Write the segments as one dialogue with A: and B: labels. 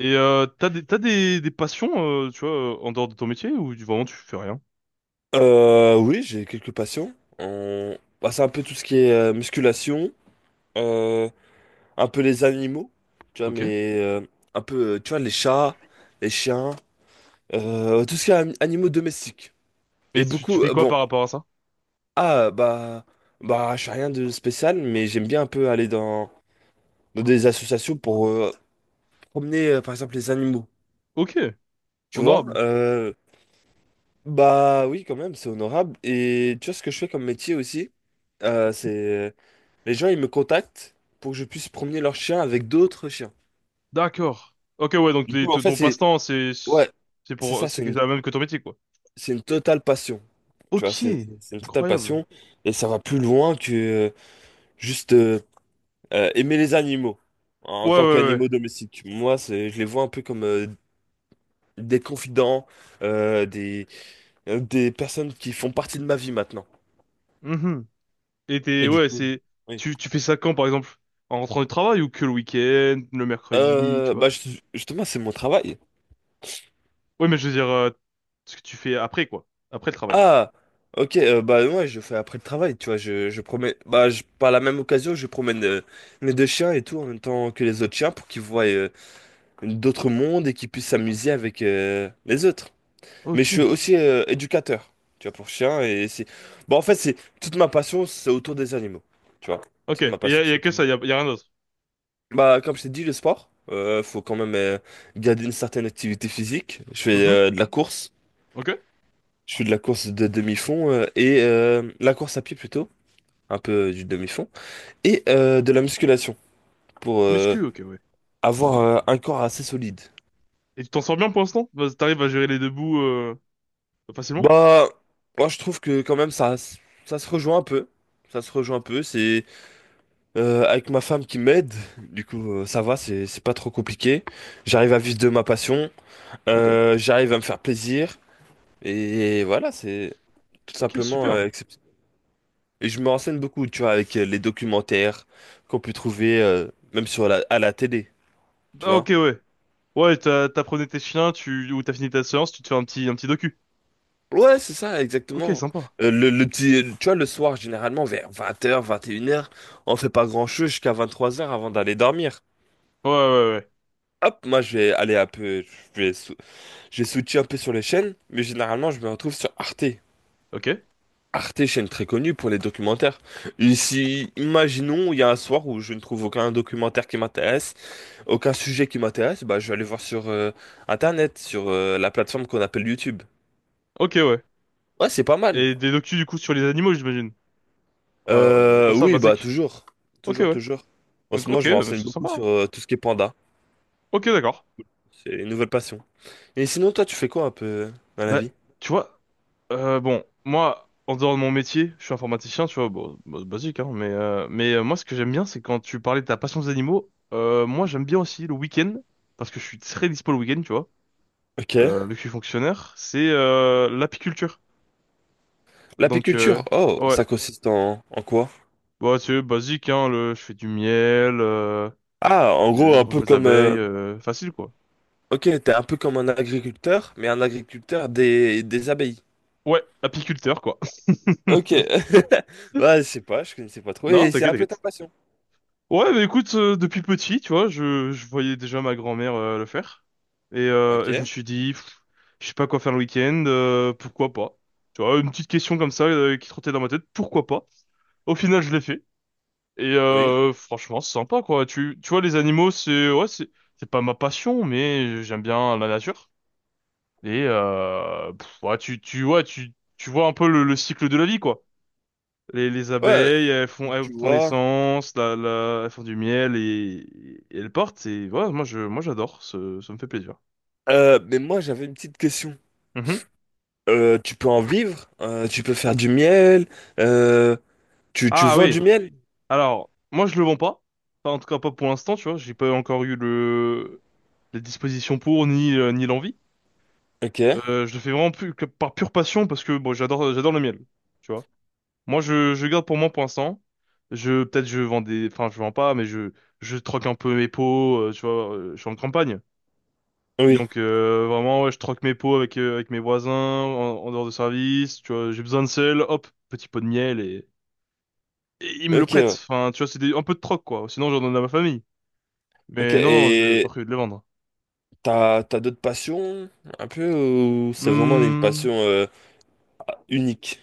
A: T'as des passions, tu vois, en dehors de ton métier ou vraiment tu fais rien?
B: Oui, j'ai quelques patients. Bah, c'est un peu tout ce qui est musculation, euh, un peu les animaux, tu vois,
A: Ok.
B: mais un peu, tu vois, les chats, les chiens, tout ce qui est animaux domestiques.
A: Et
B: Et
A: tu
B: beaucoup,
A: fais quoi
B: bon,
A: par rapport à ça?
B: ah, bah, je fais rien de spécial, mais j'aime bien un peu aller dans, dans des associations pour promener, par exemple, les animaux,
A: Ok.
B: tu vois.
A: Honorable.
B: Bah oui, quand même, c'est honorable. Et tu vois, ce que je fais comme métier aussi, c'est... Les gens, ils me contactent pour que je puisse promener leur chien avec d'autres chiens.
A: D'accord. Ok, ouais, donc
B: Du coup, en
A: ton
B: fait,
A: ton
B: c'est...
A: passe-temps,
B: Ouais, c'est ça, c'est
A: c'est
B: une,
A: la même que ton métier, quoi.
B: c'est une totale passion. Tu vois,
A: Ok.
B: c'est une totale
A: Incroyable.
B: passion. Et ça va plus loin que juste aimer les animaux en,
A: Ouais,
B: en tant
A: ouais, ouais.
B: qu'animaux domestiques. Moi, c'est, je les vois un peu comme des confidents, euh, des, des personnes qui font partie de ma vie maintenant.
A: Mhm.
B: Et du
A: Ouais,
B: coup, oui.
A: tu fais ça quand, par exemple? En rentrant du travail ou que le week-end, le mercredi, tu vois?
B: Bah, justement, c'est mon travail.
A: Ouais, mais je veux dire, ce que tu fais après, quoi. Après le travail.
B: Ah, ok, bah moi je fais après le travail, tu vois, je promène, par la même occasion je promène mes deux chiens et tout en même temps que les autres chiens pour qu'ils voient d'autres mondes et qu'ils puissent s'amuser avec les autres. Mais je
A: Ok.
B: suis aussi éducateur, tu vois, pour chiens. Et c'est, bon en fait c'est, toute ma passion c'est autour des animaux, tu vois,
A: Ok.
B: toute
A: Et
B: ma
A: y
B: passion
A: a, y
B: c'est
A: a que
B: autour des...
A: ça, y a rien d'autre.
B: Bah comme je t'ai dit, le sport, faut quand même garder une certaine activité physique, je fais
A: Mhm.
B: de la course.
A: Ok.
B: Je fais de la course de demi-fond et la course à pied plutôt. Un peu du demi-fond, et de la musculation pour
A: Muscu, ok, ouais.
B: avoir un corps assez solide.
A: Et tu t'en sors bien pour l'instant? T'arrives à gérer les deux bouts facilement?
B: Bah, moi je trouve que quand même ça se rejoint un peu. Ça se rejoint un peu. C'est avec ma femme qui m'aide, du coup ça va, c'est pas trop compliqué. J'arrive à vivre de ma passion,
A: Ok.
B: j'arrive à me faire plaisir, et voilà, c'est tout
A: Ok,
B: simplement
A: super.
B: accepter. Et je me renseigne beaucoup, tu vois, avec les documentaires qu'on peut trouver même sur à la télé, tu
A: Ah, ok,
B: vois.
A: ouais. Ouais, t'apprenais tes chiens, ou t'as fini ta séance, tu te fais un petit docu.
B: Ouais, c'est ça,
A: Ok,
B: exactement.
A: sympa.
B: Le petit, tu vois, le soir, généralement, vers 20 h 21 h, on fait pas grand-chose jusqu'à 23 h avant d'aller dormir.
A: Ouais, ouais, ouais.
B: Hop, moi, je vais aller un peu, je vais, sou- je vais switcher un peu sur les chaînes, mais généralement, je me retrouve sur Arte.
A: Ok.
B: Arte, chaîne très connue pour les documentaires. Et si, imaginons, il y a un soir où je ne trouve aucun documentaire qui m'intéresse, aucun sujet qui m'intéresse, bah, je vais aller voir sur Internet, sur la plateforme qu'on appelle YouTube.
A: Ok, ouais.
B: Ouais, c'est pas mal.
A: Et des docus, du coup, sur les animaux, j'imagine. Comme ça,
B: Oui, bah
A: basique.
B: toujours,
A: Ok,
B: toujours,
A: ouais.
B: toujours. En ce moment,
A: Ok,
B: je me renseigne
A: c'est
B: beaucoup
A: sympa, hein.
B: sur tout ce qui est panda.
A: Ok, d'accord.
B: C'est une nouvelle passion. Et sinon, toi, tu fais quoi un peu dans la
A: Bah,
B: vie?
A: tu vois, bon, moi, en dehors de mon métier, je suis informaticien, tu vois, bon, bah, basique, hein, mais, moi, ce que j'aime bien, c'est quand tu parlais de ta passion des animaux, moi, j'aime bien aussi le week-end, parce que je suis très dispo le week-end, tu vois,
B: Ok.
A: vu que je suis fonctionnaire, c'est l'apiculture. Donc,
B: L'apiculture, oh,
A: ouais,
B: ça consiste en quoi?
A: bah, c'est basique, hein, je fais du miel,
B: Ah, en
A: je,
B: gros,
A: je
B: un
A: range
B: peu
A: mes
B: comme...
A: abeilles, facile, quoi.
B: Ok, t'es un peu comme un agriculteur, mais un agriculteur des abeilles.
A: Ouais, apiculteur, quoi.
B: Ok. Ouais, je sais pas, je connaissais pas trop.
A: Non,
B: Et c'est
A: t'inquiète,
B: un peu ta
A: t'inquiète.
B: passion.
A: Ouais, bah écoute, depuis petit, tu vois, je voyais déjà ma grand-mère le faire. Et, euh,
B: Ok,
A: et je me suis dit, je sais pas quoi faire le week-end, pourquoi pas? Tu vois, une petite question comme ça qui trottait dans ma tête, pourquoi pas? Au final, je l'ai fait.
B: oui.
A: Franchement, c'est sympa, quoi. Tu vois, les animaux, c'est, ouais, c'est pas ma passion, mais j'aime bien la nature. Ouais, ouais, tu vois un peu le cycle de la vie, quoi. Les
B: Ouais,
A: abeilles, elles font,
B: tu
A: elles
B: tu
A: font
B: vois.
A: naissance, elles font du miel et elles portent. Et voilà, moi j'adore, ça me fait plaisir.
B: Mais moi, j'avais une petite question.
A: Mhm.
B: Tu peux en vivre, tu peux faire du miel, euh, tu
A: Ah
B: vends
A: oui.
B: du miel?
A: Alors, moi je le vends pas. Enfin, en tout cas pas pour l'instant, tu vois. J'ai pas encore eu le les dispositions pour ni ni l'envie.
B: Ok,
A: Je le fais vraiment plus que par pure passion parce que bon, j'adore le miel, tu vois. Moi je garde pour moi pour l'instant. Je Peut-être je vends des, enfin je vends pas, mais je troque un peu mes pots, tu vois. Je suis en campagne.
B: oui,
A: Donc vraiment, ouais, je troque mes pots avec mes voisins en dehors de service. Tu vois, j'ai besoin de sel, hop, petit pot de miel et ils me le
B: ok,
A: prêtent.
B: ouais.
A: Enfin, tu vois, un peu de troc quoi. Sinon, j'en donne à ma famille.
B: Ok,
A: Mais non, non, je pas
B: et
A: prévu de les vendre.
B: t'as d'autres passions un peu ou c'est vraiment une
A: Hmm.
B: passion unique?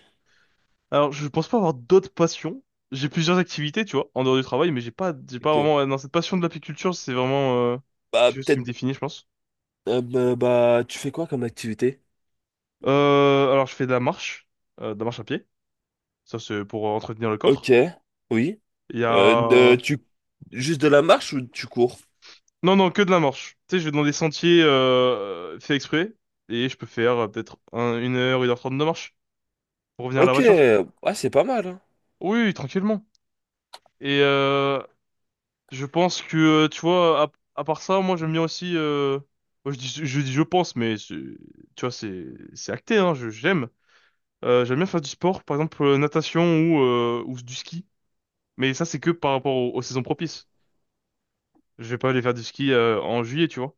A: Alors, je pense pas avoir d'autres passions. J'ai plusieurs activités, tu vois, en dehors du travail, mais j'ai pas
B: Ok,
A: vraiment. Dans cette passion de l'apiculture, c'est vraiment
B: bah
A: quelque chose qui me
B: peut-être,
A: définit, je pense.
B: bah, tu fais quoi comme activité?
A: Alors, je fais de la marche à pied. Ça, c'est pour entretenir le corps.
B: Ok, oui,
A: Il y
B: Euh, de-
A: a.
B: tu, juste de la marche ou tu cours?
A: Non, non, que de la marche. Tu sais, je vais dans des sentiers faits exprès, et je peux faire peut-être 1 heure, 1h30 de marche pour revenir à la
B: Ok,
A: voiture.
B: ah, c'est pas mal, hein.
A: Oui, tranquillement. Et euh, je pense que, tu vois, à part ça, moi j'aime bien aussi. Moi, je dis je pense, mais tu vois, c'est acté, hein, j'aime. J'aime bien faire du sport, par exemple natation ou du ski. Mais ça, c'est que par rapport aux saisons propices. Je vais pas aller faire du ski en juillet, tu vois.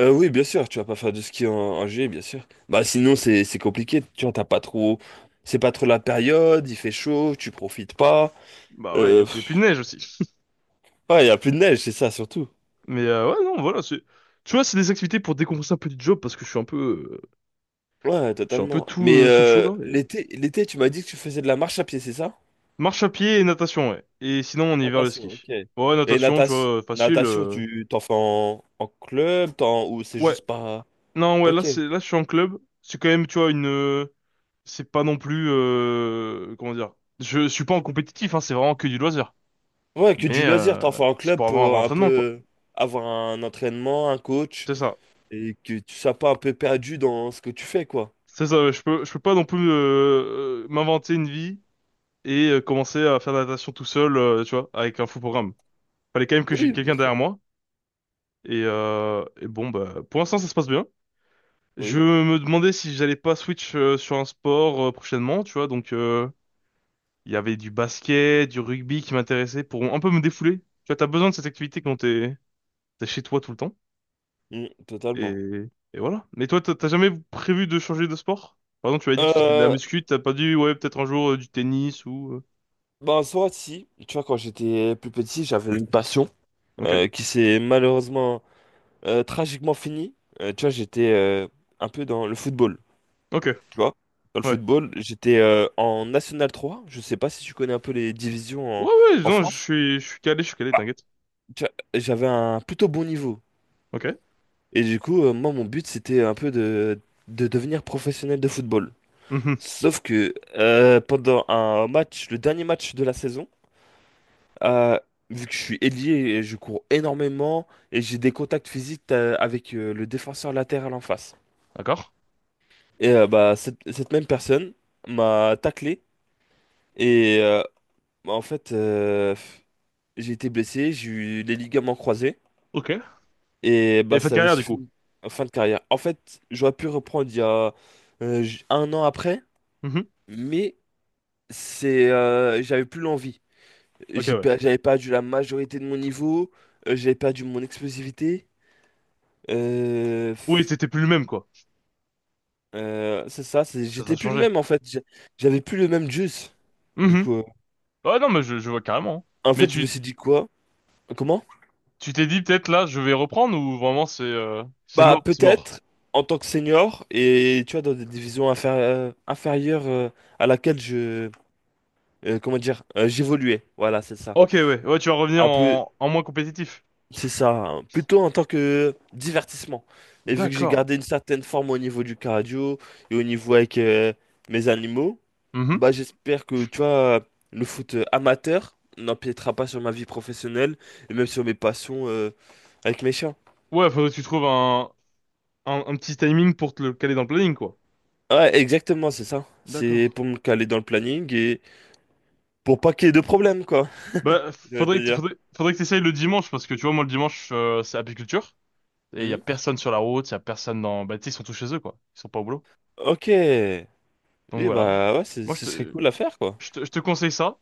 B: Oui, bien sûr, tu vas pas faire de ski en juillet, bien sûr. Bah sinon c'est compliqué, tu vois, t'as pas trop, c'est pas trop la période, il fait chaud, tu profites pas.
A: Bah ouais, il y
B: Euh,
A: a plus de
B: pff,
A: neige aussi.
B: ouais, y a plus de neige, c'est ça surtout.
A: Ouais, non, voilà, c'est. Tu vois, c'est des activités pour décompresser un peu du job parce que je suis un peu,
B: Ouais,
A: je suis un peu
B: totalement.
A: tout
B: Mais
A: sous le chaud là. Et.
B: l'été, tu m'as dit que tu faisais de la marche à pied, c'est ça?
A: Marche à pied et natation, ouais. Et sinon, on hiver le
B: Natation, ok.
A: ski. Ouais,
B: Et
A: natation, tu
B: natation,
A: vois, facile.
B: natation,
A: euh.
B: tu t'en fais en club, ou c'est
A: Ouais,
B: juste pas...
A: non, ouais, là,
B: Ok.
A: là, je suis en club. C'est quand même, tu vois, c'est pas non plus, comment dire. Je suis pas en compétitif, hein, c'est vraiment que du loisir.
B: Ouais, que du loisir, t'en fais en
A: C'est
B: club
A: pour avoir un vrai
B: pour un
A: entraînement, quoi.
B: peu avoir un entraînement, un coach.
A: C'est ça.
B: Et que tu sois pas un peu perdu dans ce que tu fais, quoi.
A: C'est ça, ouais, je peux pas non plus m'inventer une vie et commencer à faire de la natation tout seul, tu vois, avec un fou programme. Fallait quand même que j'ai
B: Oui, bien
A: quelqu'un derrière
B: sûr.
A: moi. Et bon, bah, pour l'instant, ça se passe bien. Je
B: Oui,
A: me demandais si j'allais pas switch sur un sport prochainement, tu vois. Donc, il y avait du basket, du rugby qui m'intéressait pour un peu me défouler. Tu vois, t'as besoin de cette activité quand t'es chez toi tout le temps.
B: Mm,
A: Et,
B: totalement.
A: et voilà. Mais toi, t'as jamais prévu de changer de sport? Par exemple, tu m'avais dit que tu faisais de la
B: Euh,
A: muscu, t'as pas dit, ouais, peut-être un jour du tennis ou.
B: Bah, en soi, si. Tu vois, quand j'étais plus petit, j'avais une passion
A: Ok,
B: qui s'est malheureusement, tragiquement finie. Tu vois, j'étais un peu dans le football,
A: ok,
B: tu vois. Dans le
A: ouais.
B: football, j'étais en National 3. Je sais pas si tu connais un peu les divisions
A: Ouais,
B: en,
A: ouais,
B: en
A: non,
B: France.
A: je suis calé,
B: Bah,
A: t'inquiète.
B: tu vois, j'avais un plutôt bon niveau.
A: Ok.
B: Et du coup, moi, mon but, c'était un peu de devenir professionnel de football.
A: Mhm.
B: Sauf que pendant un match, le dernier match de la saison, euh, vu que je suis ailier, et je cours énormément et j'ai des contacts physiques avec le défenseur latéral en face.
A: D'accord.
B: Bah cette même personne m'a taclé et bah, en fait j'ai été blessé, j'ai eu les ligaments croisés
A: Ok.
B: et bah
A: Et fin de
B: ça avait
A: carrière, du coup.
B: suffi en fin de carrière. En fait, j'aurais pu reprendre il y a un an après,
A: Mhm.
B: mais c'est j'avais plus l'envie.
A: Ok, ouais.
B: J'avais perdu la majorité de mon niveau, j'avais perdu mon explosivité. Euh,
A: Oui,
B: f-
A: c'était plus le même, quoi.
B: c'est ça,
A: Ça t'a
B: j'étais plus le
A: changé.
B: même en fait. J'avais plus le même juice. Du
A: Mhm.
B: coup,
A: Ouais, non, mais je vois carrément, hein.
B: en
A: Mais
B: fait, je me
A: tu,
B: suis dit quoi? Comment?
A: tu t'es dit, peut-être, là, je vais reprendre ou vraiment, c'est
B: Bah,
A: mort, c'est mort.
B: peut-être en tant que senior et tu vois, dans des divisions inférieures à laquelle je. Comment dire? J'évoluais. Voilà, c'est ça.
A: Ok, ouais. Ouais, tu vas revenir
B: Un peu.
A: en moins compétitif.
B: C'est ça, plutôt en tant que divertissement. Et vu que j'ai
A: D'accord.
B: gardé une certaine forme au niveau du cardio et au niveau avec mes animaux,
A: Mhm.
B: bah j'espère que tu vois, le foot amateur n'empiétera pas sur ma vie professionnelle et même sur mes passions avec mes chiens.
A: Ouais, faudrait que tu trouves un petit timing pour te le caler dans le planning, quoi.
B: Ouais, exactement, c'est ça.
A: D'accord.
B: C'est pour me caler dans le planning et pour pas qu'il y ait de problème, quoi.
A: Bah,
B: Je vais te dire.
A: faudrait que t'essayes le dimanche, parce que tu vois, moi, le dimanche, c'est apiculture. Et il y a
B: Hmm.
A: personne sur la route, il y a personne dans. Bah, tu sais, ils sont tous chez eux, quoi. Ils sont pas au boulot.
B: Ok.
A: Donc
B: Oui,
A: voilà.
B: bah ouais,
A: Moi,
B: ce serait cool à faire, quoi.
A: je te conseille ça.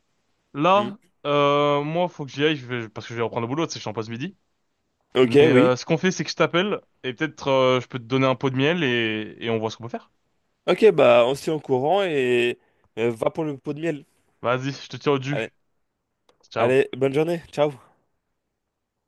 B: Hmm.
A: Là, moi, faut que j'y aille parce que je vais reprendre le boulot, tu sais, je suis en pause midi.
B: Ok, oui.
A: Ce qu'on fait, c'est que je t'appelle et peut-être je peux te donner un pot de miel et on voit ce qu'on peut faire.
B: Ok, bah on se tient au courant et va pour le pot de miel.
A: Vas-y, je te tiens au
B: Allez,
A: jus. Ciao.
B: allez, bonne journée, ciao.